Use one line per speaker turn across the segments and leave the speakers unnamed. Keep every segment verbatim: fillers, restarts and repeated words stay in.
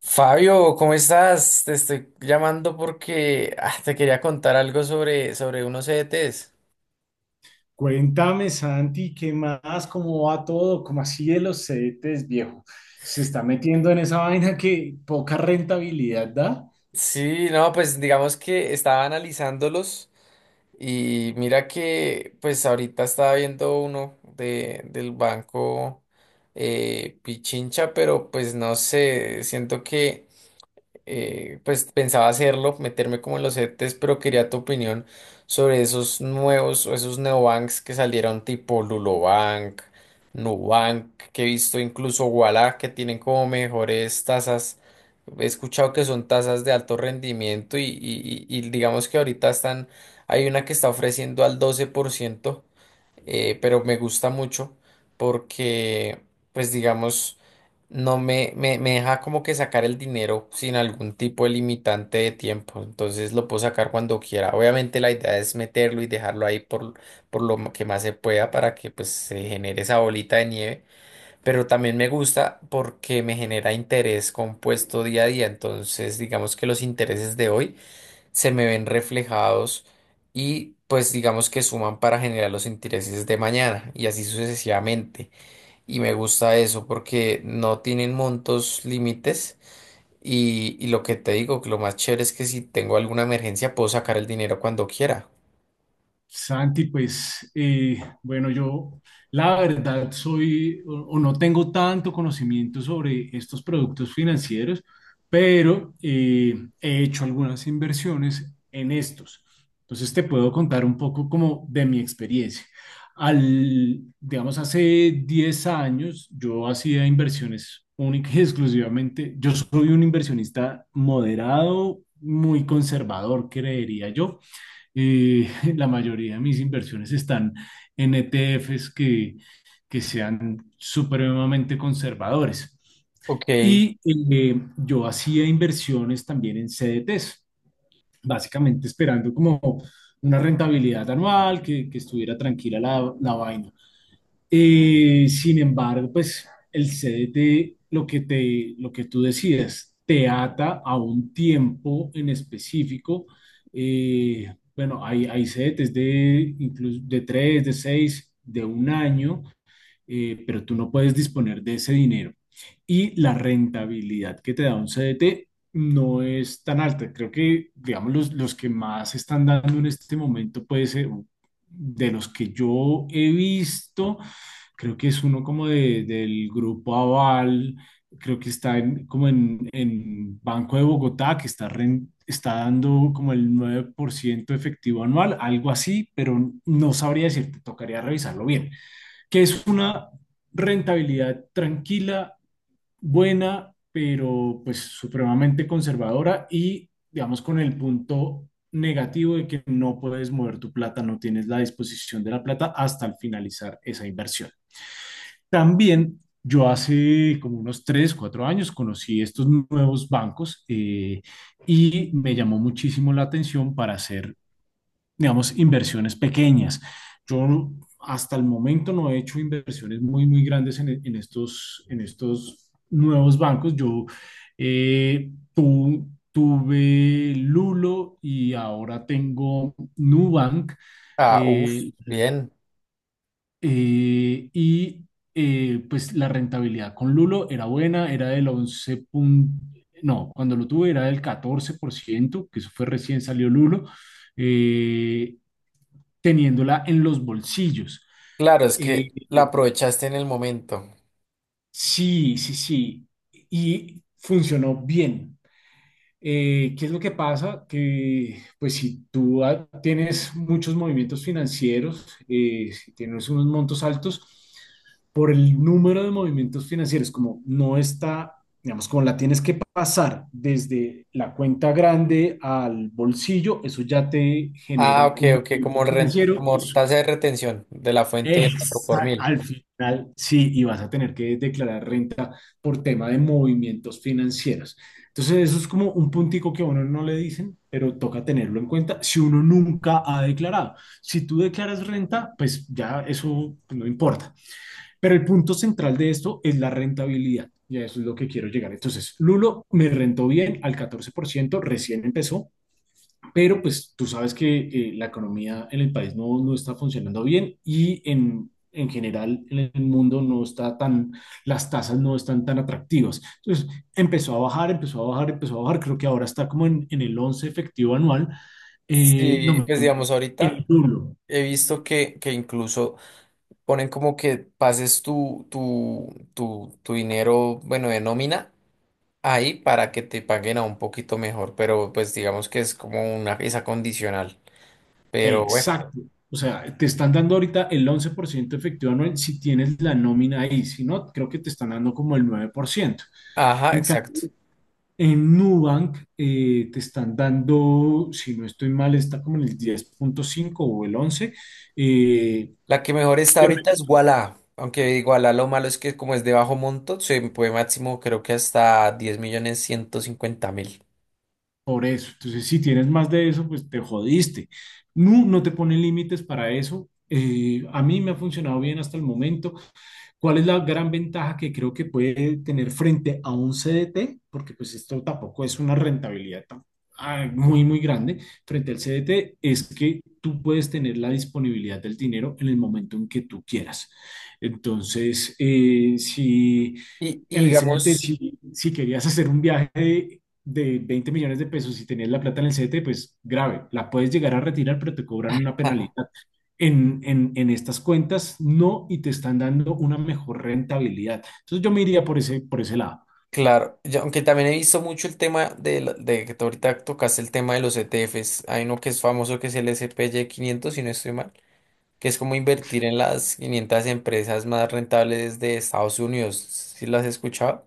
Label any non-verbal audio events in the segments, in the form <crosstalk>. Fabio, ¿cómo estás? Te estoy llamando porque ah, te quería contar algo sobre, sobre unos E Ts.
Cuéntame, Santi, ¿qué más? ¿Cómo va todo? ¿Cómo así de los C D Ts, viejo? Se está metiendo en esa vaina que poca rentabilidad da.
Sí, no, pues digamos que estaba analizándolos y mira que pues ahorita estaba viendo uno de, del banco eh, Pichincha, pero pues no sé, siento que eh, pues pensaba hacerlo, meterme como en los E Ts, pero quería tu opinión sobre esos nuevos o esos neobanks que salieron tipo Lulobank, Nubank, que he visto incluso Ualá, que tienen como mejores tasas. He escuchado que son tasas de alto rendimiento y, y- y- y digamos que ahorita están, hay una que está ofreciendo al doce por ciento eh, pero me gusta mucho porque, pues digamos, no me, me, me deja como que sacar el dinero sin algún tipo de limitante de tiempo, entonces lo puedo sacar cuando quiera. Obviamente la idea es meterlo y dejarlo ahí por, por lo ma- que más se pueda para que pues se genere esa bolita de nieve, pero también me gusta porque me genera interés compuesto día a día, entonces digamos que los intereses de hoy se me ven reflejados y pues digamos que suman para generar los intereses de mañana y así sucesivamente. Y me gusta eso porque no tienen montos límites y, y lo que te digo, que lo más chévere es que si tengo alguna emergencia puedo sacar el dinero cuando quiera.
Santi, pues eh, bueno, yo la verdad soy o, o no tengo tanto conocimiento sobre estos productos financieros, pero eh, he hecho algunas inversiones en estos. Entonces te puedo contar un poco como de mi experiencia. Al, digamos, hace diez años yo hacía inversiones única y <laughs> exclusivamente. Yo soy un inversionista moderado, muy conservador, creería yo. Eh, <laughs> la mayoría de mis inversiones están en E T Fs que, que sean supremamente conservadores.
Ok,
Y eh, yo hacía inversiones también en C D Ts, básicamente esperando como una rentabilidad anual, que, que estuviera tranquila la, la vaina. Eh, sin embargo, pues el C D T, lo que te, lo que tú decías, te ata a un tiempo en específico. Eh, bueno, hay, hay C D Ts de incluso de tres, de seis, de un año, eh, pero tú no puedes disponer de ese dinero. Y la rentabilidad que te da un C D T no es tan alta. Creo que, digamos, los, los que más están dando en este momento puede ser de los que yo he visto, creo que es uno como de, del grupo Aval, creo que está en, como en, en Banco de Bogotá, que está, ren- está dando como el nueve por ciento efectivo anual, algo así, pero no sabría decirte, tocaría revisarlo bien, que es una rentabilidad tranquila, buena, pero pues supremamente conservadora y digamos con el punto negativo de que no puedes mover tu plata, no tienes la disposición de la plata hasta el finalizar esa inversión. También yo hace como unos tres, cuatro años conocí estos nuevos bancos, eh, y me llamó muchísimo la atención para hacer, digamos, inversiones pequeñas. Yo hasta el momento no he hecho inversiones muy, muy grandes en, en estos, en estos nuevos bancos. Yo eh, tu- tuve Lulo y ahora tengo Nubank.
ah, uff,
Eh,
bien.
eh, y eh, pues la rentabilidad con Lulo era buena, era del once punto no, cuando lo tuve era del catorce por ciento, que eso fue recién salió Lulo, eh, teniéndola en los bolsillos.
Claro, es
Eh,
que la aprovechaste en el momento.
sí, sí, sí, y funcionó bien. Eh, ¿qué es lo que pasa? Que pues si tú ah, tienes muchos movimientos financieros, eh, si tienes unos montos altos, por el número de movimientos financieros, como no está, digamos, como la tienes que pasar desde la cuenta grande al bolsillo, eso ya te
Ah,
genera
ok,
un
ok,
movimiento
como, ren-
financiero.
como
Eso,
tasa de retención de la fuente y el cuatro por
exacto,
mil.
al final sí, y vas a tener que declarar renta por tema de movimientos financieros. Entonces, eso es como un puntico que a uno no le dicen, pero toca tenerlo en cuenta si uno nunca ha declarado. Si tú declaras renta, pues ya eso no importa. Pero el punto central de esto es la rentabilidad. Y a eso es lo que quiero llegar. Entonces, Lulo me rentó bien al catorce por ciento, recién empezó, pero pues tú sabes que eh, la economía en el país no, no está funcionando bien y en, en, general en el mundo no está tan, las tasas no están tan atractivas. Entonces empezó a bajar, empezó a bajar, empezó a bajar. Creo que ahora está como en, en el once efectivo anual. Eh,
Sí,
no,
pues
en
digamos ahorita.
el duro.
He visto que, que incluso ponen como que pases tu, tu, tu, tu dinero, bueno, de nómina ahí para que te paguen a un poquito mejor, pero pues digamos que es como una esa condicional. Pero bueno,
Exacto. O sea, te están dando ahorita el once por ciento efectivo anual si tienes la nómina ahí. Si no, creo que te están dando como el nueve por ciento.
ajá,
En
exacto.
En Nubank, eh, te están dando, si no estoy mal, está como en el diez punto cinco o el once, eh,
La que mejor está ahorita es Wala, aunque Wala lo malo es que como es de bajo monto, se puede máximo creo que hasta diez millones ciento cincuenta mil.
por eso. Entonces, si tienes más de eso, pues te jodiste. No, no te pone límites para eso. Eh, a mí me ha funcionado bien hasta el momento. ¿Cuál es la gran ventaja que creo que puede tener frente a un C D T? Porque pues esto tampoco es una rentabilidad tan- ah, muy, muy grande. Frente al C D T es que tú puedes tener la disponibilidad del dinero en el momento en que tú quieras. Entonces, eh, si
Y, y
en el C D T,
digamos.
si, si querías hacer un viaje de veinte millones de pesos y tenías la plata en el C D T, pues grave, la puedes llegar a retirar, pero te cobran una
<laughs>
penalidad. En, en, en estas cuentas no, y te están dando una mejor rentabilidad. Entonces yo me iría por ese, por ese, lado.
Claro, yo- aunque también he visto mucho el tema de, la- de que tú ahorita tocaste el tema de los E T Fs. Hay uno que es famoso que es el S P S P Y quinientos si no estoy mal, que es como invertir en las quinientas empresas más rentables de Estados Unidos. ¿Sí las has escuchado?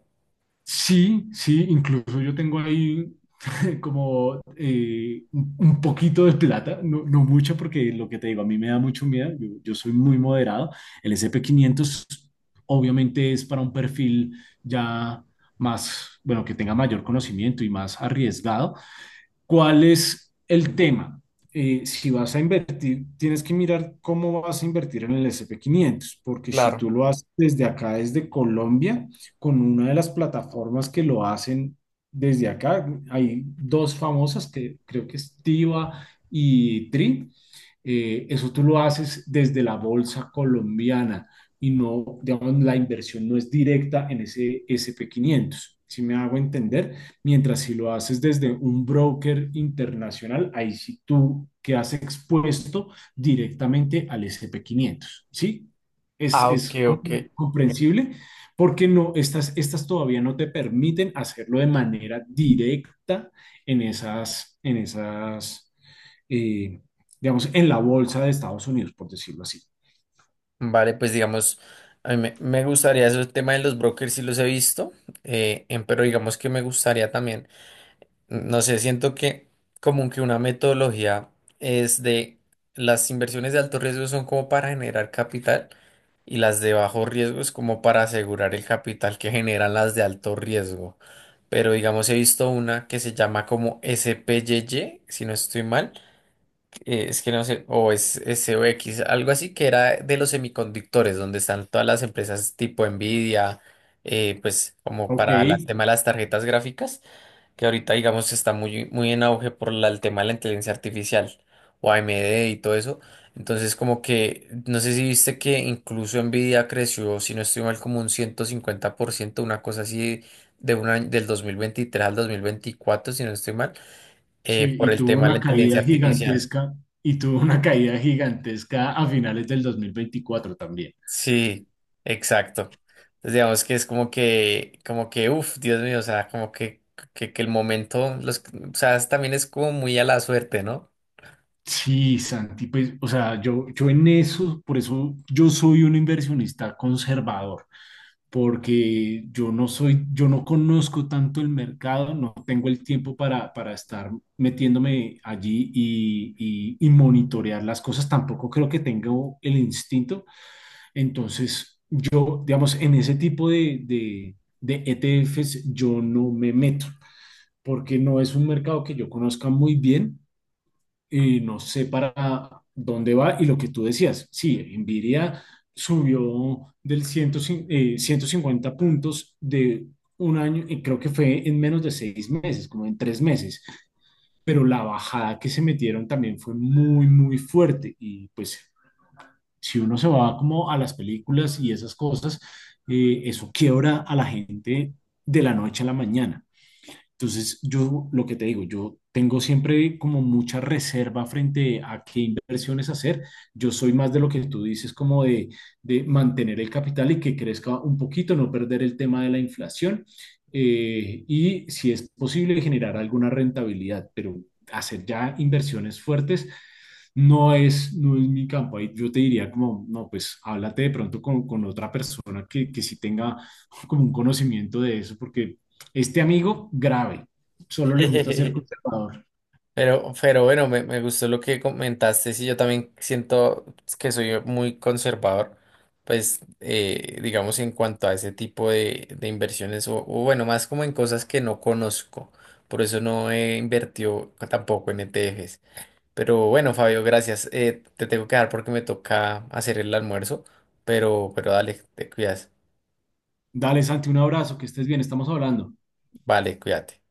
Sí, sí, incluso yo tengo ahí <laughs> como eh, un un poquito de plata, no, no mucho porque lo que te digo, a mí me da mucho miedo, yo, yo soy muy moderado. El S P quinientos obviamente es para un perfil ya más, bueno, que tenga mayor conocimiento y más arriesgado. ¿Cuál es el tema? Eh, si vas a invertir, tienes que mirar cómo vas a invertir en el S&P quinientos, porque si
Claro.
tú lo haces desde acá, desde Colombia, con una de las plataformas que lo hacen desde acá, hay dos famosas que creo que es Tiva y Tri. Eh, eso tú lo haces desde la bolsa colombiana y no, digamos, la inversión no es directa en ese S&P quinientos. Si me hago entender. Mientras si lo haces desde un broker internacional, ahí sí tú quedas expuesto directamente al sp quinientos, ¿sí? Es,
Ah, ok,
es
ok.
comprensible porque no, estas, estas todavía no te permiten hacerlo de manera directa en esas, en esas, eh, digamos, en la bolsa de Estados Unidos, por decirlo así.
Vale, pues digamos, a mí me, me gustaría eso, el tema de los brokers, sí los he visto, eh, em, pero digamos que me gustaría también. No sé, siento que como que una metodología es de las inversiones de alto riesgo son como para generar capital y las de bajo riesgo es como para asegurar el capital que generan las de alto riesgo. Pero digamos, he visto una que se llama como S P Y Y, si no estoy mal, eh, es que no sé, o es S O X, algo así que era de los semiconductores, donde están todas las empresas tipo Nvidia, eh, pues como
Ok,
para las tema de las tarjetas gráficas que ahorita, digamos, está muy, muy en auge por la- el tema de la inteligencia artificial o A M D y todo eso. Entonces, como que, no sé si viste que incluso Nvidia creció, si no estoy mal, como un ciento cincuenta por ciento una cosa así de un año, del dos mil veintitrés al dos mil veinticuatro si no estoy mal, eh,
sí,
por
y
el
tuvo
tema de la
una
inteligencia
caída
artificial.
gigantesca, y tuvo una caída gigantesca a finales del dos mil veinticuatro también.
Sí, exacto. Entonces, digamos que es como que, como que, uff, Dios mío, o sea, como que, que, que el momento, los, o sea, también es como muy a la suerte, ¿no?
Sí, Santi, pues, o sea, yo, yo en eso, por eso yo soy un inversionista conservador, porque yo no soy, yo no conozco tanto el mercado, no tengo el tiempo para, para estar metiéndome allí y, y, y monitorear las cosas, tampoco creo que tengo el instinto, entonces yo, digamos, en ese tipo de, de, de E T Fs yo no me meto, porque no es un mercado que yo conozca muy bien y no sé para dónde va. Y lo que tú decías, sí, Nvidia subió del ciento cincuenta, eh, ciento cincuenta puntos de un año, y creo que fue en menos de seis meses, como en tres meses, pero la bajada que se metieron también fue muy, muy fuerte. Y pues si uno se va como a las películas y esas cosas, eh, eso quiebra a la gente de la noche a la mañana. Entonces, yo lo que te digo, yo tengo siempre como mucha reserva frente a qué inversiones hacer. Yo soy más de lo que tú dices, como de, de, mantener el capital y que crezca un poquito, no perder el tema de la inflación, eh, y si es posible generar alguna rentabilidad, pero hacer ya inversiones fuertes no es, no es mi campo. Ahí yo te diría como, no, pues háblate de pronto con, con, otra persona que, que sí tenga como un conocimiento de eso, porque este amigo, grave, solo le gusta ser
<laughs>
conservador.
Pero, pero bueno, me, me gustó lo que comentaste. Sí, yo también siento que soy muy conservador, pues eh, digamos en cuanto a ese tipo de, de inversiones, o, o bueno, más como en cosas que no conozco. Por eso no he invertido tampoco en E T Fs. Pero bueno, Fabio, gracias. Eh, te tengo que dar porque me toca hacer el almuerzo, pero, pero dale, te cuidas.
Dale, Santi, un abrazo, que estés bien, estamos hablando.
Vale, cuídate.